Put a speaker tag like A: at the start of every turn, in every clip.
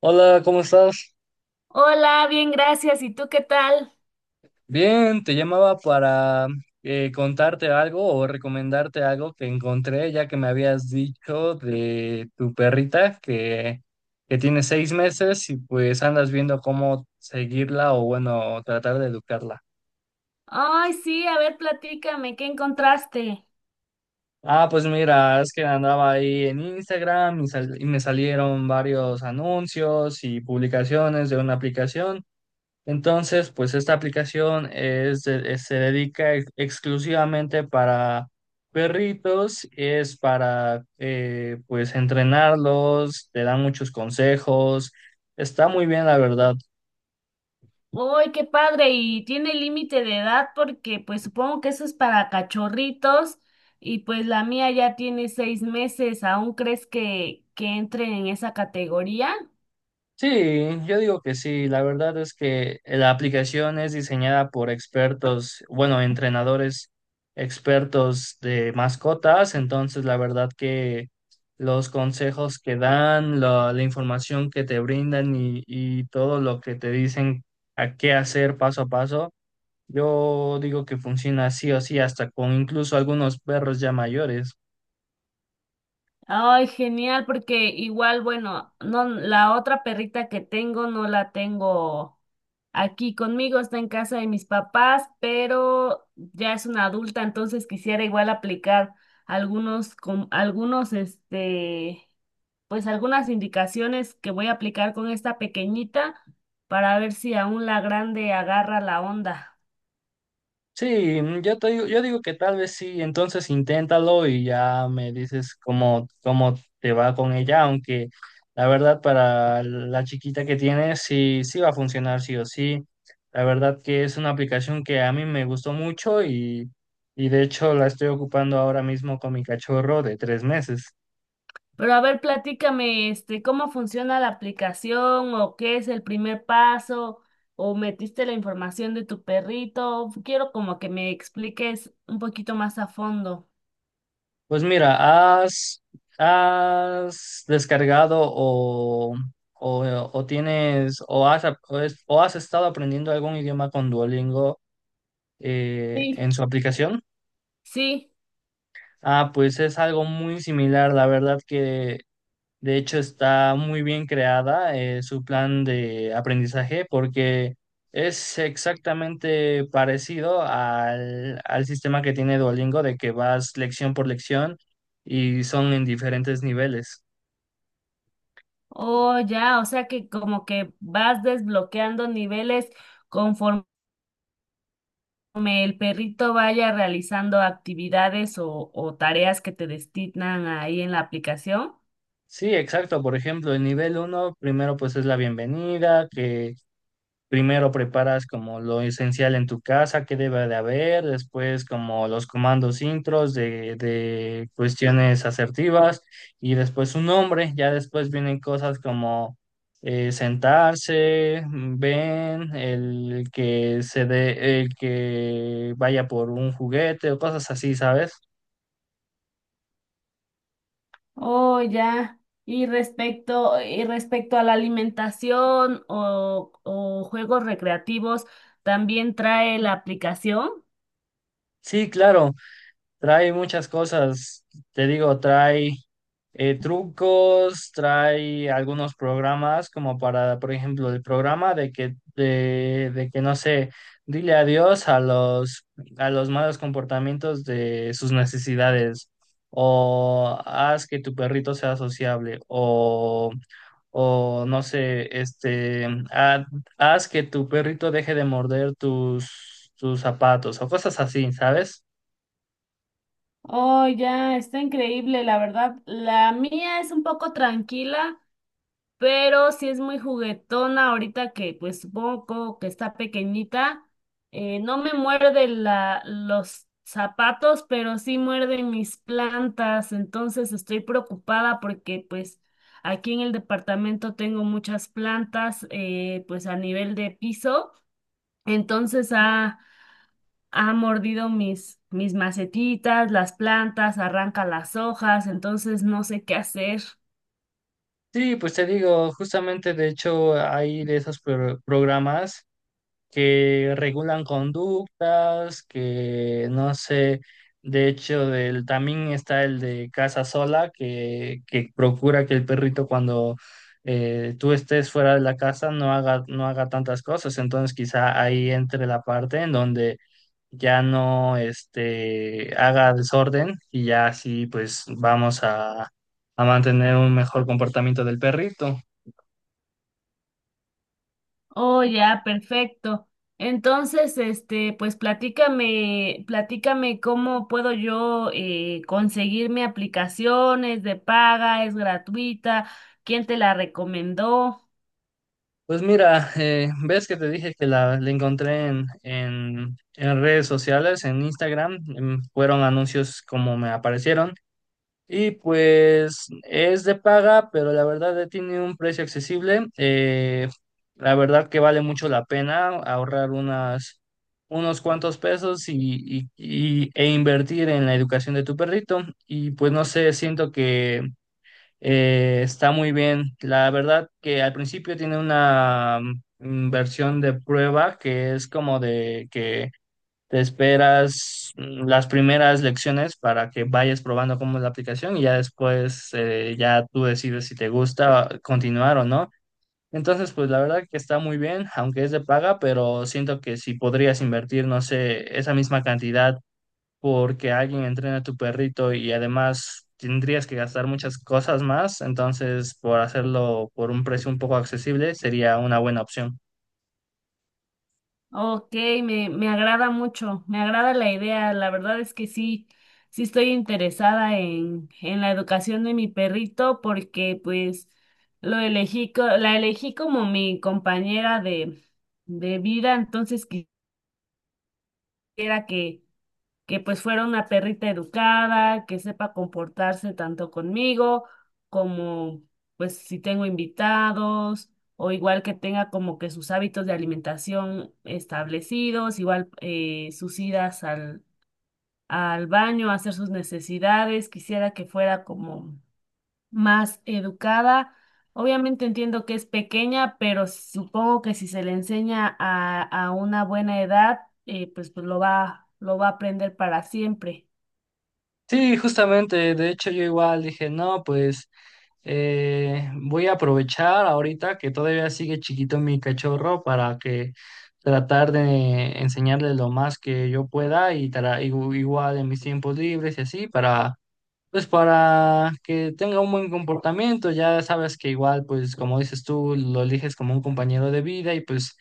A: Hola, ¿cómo estás?
B: Hola, bien, gracias. ¿Y tú qué tal?
A: Bien, te llamaba para contarte algo o recomendarte algo que encontré, ya que me habías dicho de tu perrita que tiene 6 meses y pues andas viendo cómo seguirla o bueno, tratar de educarla.
B: Ay, sí, a ver, platícame, ¿qué encontraste?
A: Ah, pues mira, es que andaba ahí en Instagram y me salieron varios anuncios y publicaciones de una aplicación. Entonces, pues esta aplicación se dedica exclusivamente para perritos, es para pues entrenarlos, te dan muchos consejos, está muy bien la verdad.
B: Ay, qué padre. Y tiene límite de edad porque pues supongo que eso es para cachorritos y pues la mía ya tiene 6 meses. ¿Aún crees que entre en esa categoría?
A: Sí, yo digo que sí. La verdad es que la aplicación es diseñada por expertos, bueno, entrenadores expertos de mascotas. Entonces, la verdad que los consejos que dan, la información que te brindan y todo lo que te dicen a qué hacer paso a paso, yo digo que funciona sí o sí, hasta con incluso algunos perros ya mayores.
B: Ay, genial, porque igual, bueno, no, la otra perrita que tengo no la tengo aquí conmigo, está en casa de mis papás, pero ya es una adulta, entonces quisiera igual aplicar algunos, con, algunos, este, pues algunas indicaciones que voy a aplicar con esta pequeñita para ver si aún la grande agarra la onda.
A: Sí, yo te digo, yo digo que tal vez sí, entonces inténtalo y ya me dices cómo te va con ella, aunque la verdad para la chiquita que tienes sí, sí va a funcionar sí o sí. La verdad que es una aplicación que a mí me gustó mucho y de hecho la estoy ocupando ahora mismo con mi cachorro de 3 meses.
B: Pero a ver, platícame, este, cómo funciona la aplicación o qué es el primer paso o metiste la información de tu perrito. Quiero como que me expliques un poquito más a fondo.
A: Pues mira, ¿has, has descargado o tienes o has, ap- o, es- o has estado aprendiendo algún idioma con Duolingo
B: Sí.
A: en su aplicación?
B: Sí,
A: Ah, pues es algo muy similar, la verdad que de hecho, está muy bien creada su plan de aprendizaje porque es exactamente parecido al sistema que tiene Duolingo, de que vas lección por lección y son en diferentes niveles.
B: oh ya, o sea que como que vas desbloqueando niveles conforme el perrito vaya realizando actividades o tareas que te destinan ahí en la aplicación.
A: Sí, exacto. Por ejemplo, el nivel uno primero pues es la bienvenida. Que Primero preparas como lo esencial en tu casa, que debe de haber, después como los comandos intros de cuestiones asertivas y después un nombre, ya después vienen cosas como sentarse, ven, el que se dé, el que vaya por un juguete o cosas así, ¿sabes?
B: Oh, ya. Y respecto a la alimentación o juegos recreativos, ¿también trae la aplicación?
A: Sí, claro, trae muchas cosas, te digo, trae trucos, trae algunos programas como para, por ejemplo, el programa de que no sé, dile adiós a a los malos comportamientos de sus necesidades o haz que tu perrito sea sociable o no sé, este, haz que tu perrito deje de morder tus zapatos o cosas así, ¿sabes?
B: Oh, ya, está increíble, la verdad. La mía es un poco tranquila, pero sí es muy juguetona ahorita que pues supongo que está pequeñita. No me muerde la, los zapatos, pero sí muerde mis plantas, entonces estoy preocupada porque pues aquí en el departamento tengo muchas plantas pues a nivel de piso, entonces ha mordido mis, mis macetitas, las plantas, arranca las hojas, entonces no sé qué hacer.
A: Sí, pues te digo, justamente de hecho hay de esos programas que regulan conductas, que no sé, de hecho del, también está el de casa sola, que procura que el perrito cuando tú estés fuera de la casa no haga tantas cosas, entonces quizá ahí entre la parte en donde ya no este, haga desorden y ya así pues vamos a mantener un mejor comportamiento del perrito.
B: Oh, ya, perfecto. Entonces, este, pues platícame, platícame cómo puedo yo conseguirme aplicaciones de paga, es gratuita, quién te la recomendó.
A: Pues mira, ves que te dije que la encontré en redes sociales, en Instagram, fueron anuncios como me aparecieron y pues es de paga, pero la verdad tiene un precio accesible. La verdad que vale mucho la pena ahorrar unos cuantos pesos e invertir en la educación de tu perrito. Y pues no sé, siento que está muy bien. La verdad que al principio tiene una versión de prueba, que es como de que te esperas las primeras lecciones para que vayas probando cómo es la aplicación y ya después ya tú decides si te gusta continuar o no. Entonces, pues la verdad que está muy bien, aunque es de paga, pero siento que si podrías invertir, no sé, esa misma cantidad porque alguien entrena a tu perrito y además tendrías que gastar muchas cosas más, entonces por hacerlo por un precio un poco accesible sería una buena opción.
B: Ok, me agrada mucho, me agrada la idea. La verdad es que sí, sí estoy interesada en la educación de mi perrito porque pues lo elegí, la elegí como mi compañera de vida, entonces quisiera que pues fuera una perrita educada, que sepa comportarse tanto conmigo como pues si tengo invitados, o igual que tenga como que sus hábitos de alimentación establecidos, igual sus idas al, al baño, a hacer sus necesidades, quisiera que fuera como más educada. Obviamente entiendo que es pequeña, pero supongo que si se le enseña a una buena edad, pues lo va a aprender para siempre.
A: Sí, justamente, de hecho yo igual dije, no, pues voy a aprovechar ahorita que todavía sigue chiquito mi cachorro para que tratar de enseñarle lo más que yo pueda y igual en mis tiempos libres y así para pues para que tenga un buen comportamiento. Ya sabes que igual, pues como dices tú, lo eliges como un compañero de vida y pues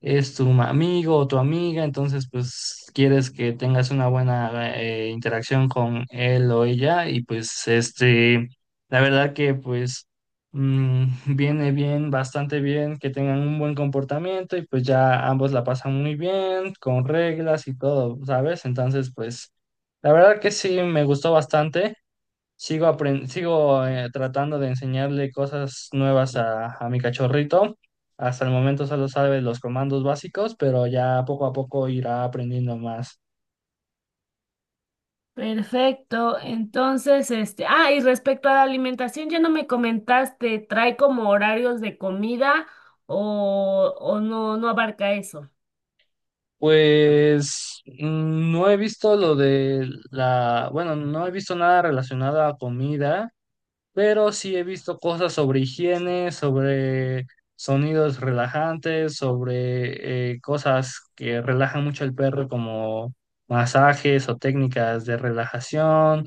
A: es tu amigo o tu amiga, entonces pues quieres que tengas una buena interacción con él o ella y pues este, la verdad que pues viene bien, bastante bien que tengan un buen comportamiento y pues ya ambos la pasan muy bien, con reglas y todo, ¿sabes? Entonces pues... la verdad que sí, me gustó bastante. Sigo, sigo tratando de enseñarle cosas nuevas a mi cachorrito. Hasta el momento solo sabe los comandos básicos, pero ya poco a poco irá aprendiendo más.
B: Perfecto. Entonces, este, ah, y respecto a la alimentación, ya no me comentaste, ¿trae como horarios de comida o no, no abarca eso?
A: Pues no he visto lo de la, bueno, no he visto nada relacionado a comida, pero sí he visto cosas sobre higiene, sobre sonidos relajantes, sobre cosas que relajan mucho al perro, como masajes o técnicas de relajación,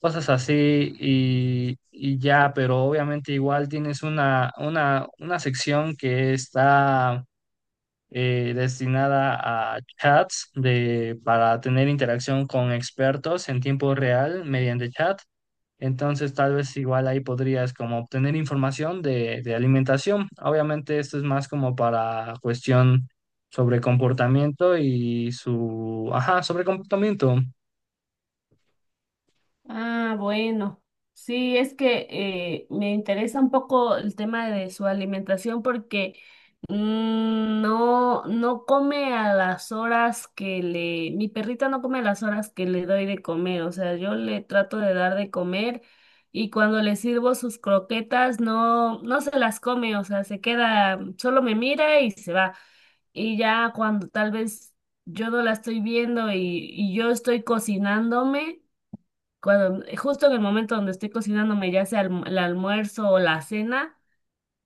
A: cosas así y ya, pero obviamente igual tienes una sección que está... destinada a chats de, para tener interacción con expertos en tiempo real mediante chat. Entonces, tal vez igual ahí podrías como obtener información de alimentación. Obviamente, esto es más como para cuestión sobre comportamiento y su... Ajá, sobre comportamiento.
B: Ah, bueno. Sí, es que me interesa un poco el tema de su alimentación porque mm, no, no come a las horas que le, mi perrita no come a las horas que le doy de comer, o sea, yo le trato de dar de comer y cuando le sirvo sus croquetas no, no se las come, o sea, se queda, solo me mira y se va. Y ya cuando tal vez yo no la estoy viendo y yo estoy cocinándome cuando justo en el momento donde estoy cocinándome, ya sea el almuerzo o la cena,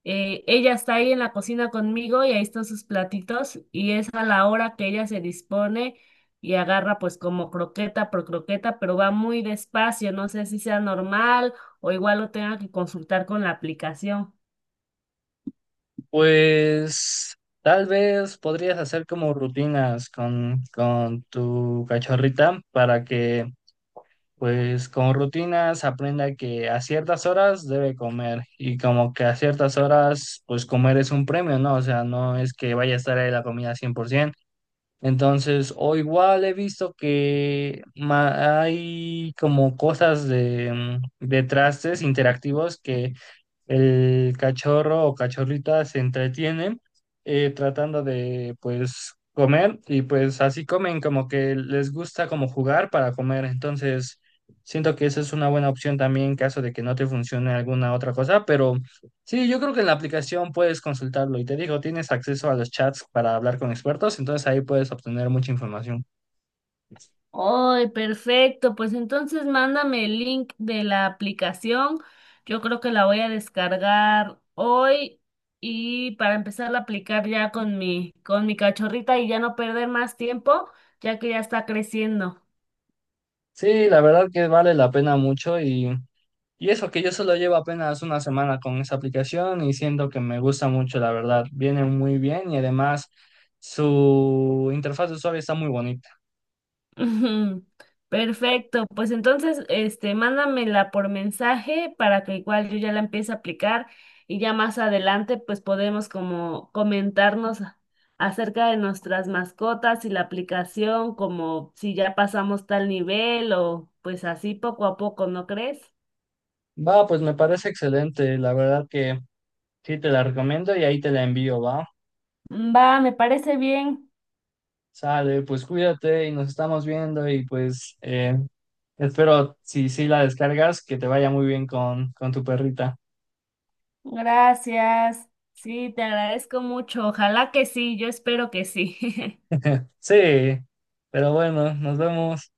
B: ella está ahí en la cocina conmigo y ahí están sus platitos y es a la hora que ella se dispone y agarra pues como croqueta por croqueta, pero va muy despacio, no sé si sea normal o igual lo tenga que consultar con la aplicación.
A: Pues tal vez podrías hacer como rutinas con tu cachorrita para que, pues con rutinas aprenda que a ciertas horas debe comer y como que a ciertas horas, pues comer es un premio, ¿no? O sea, no es que vaya a estar ahí la comida 100%. Entonces, o igual he visto que hay como cosas de, de trastes interactivos que el cachorro o cachorrita se entretienen tratando de pues comer y pues así comen, como que les gusta como jugar para comer. Entonces siento que esa es una buena opción también en caso de que no te funcione alguna otra cosa, pero sí, yo creo que en la aplicación puedes consultarlo y te digo, tienes acceso a los chats para hablar con expertos, entonces ahí puedes obtener mucha información.
B: Ay, perfecto. Pues entonces mándame el link de la aplicación. Yo creo que la voy a descargar hoy y para empezar a aplicar ya con mi cachorrita y ya no perder más tiempo, ya que ya está creciendo.
A: Sí, la verdad que vale la pena mucho y... y eso que yo solo llevo apenas 1 semana con esa aplicación y siento que me gusta mucho, la verdad. Viene muy bien y además su interfaz de usuario está muy bonita.
B: Ujú. Perfecto, pues entonces, este, mándamela por mensaje para que igual yo ya la empiece a aplicar y ya más adelante pues podemos como comentarnos acerca de nuestras mascotas y la aplicación, como si ya pasamos tal nivel o pues así poco a poco, ¿no crees?
A: Va, pues me parece excelente. La verdad que sí te la recomiendo y ahí te la envío, va.
B: Va, me parece bien.
A: Sale, pues cuídate y nos estamos viendo y pues espero, si sí la descargas, que te vaya muy bien con tu perrita.
B: Gracias. Sí, te agradezco mucho. Ojalá que sí, yo espero que sí.
A: Sí, pero bueno, nos vemos.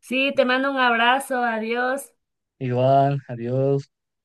B: Sí, te mando un abrazo, adiós.
A: Igual, adiós.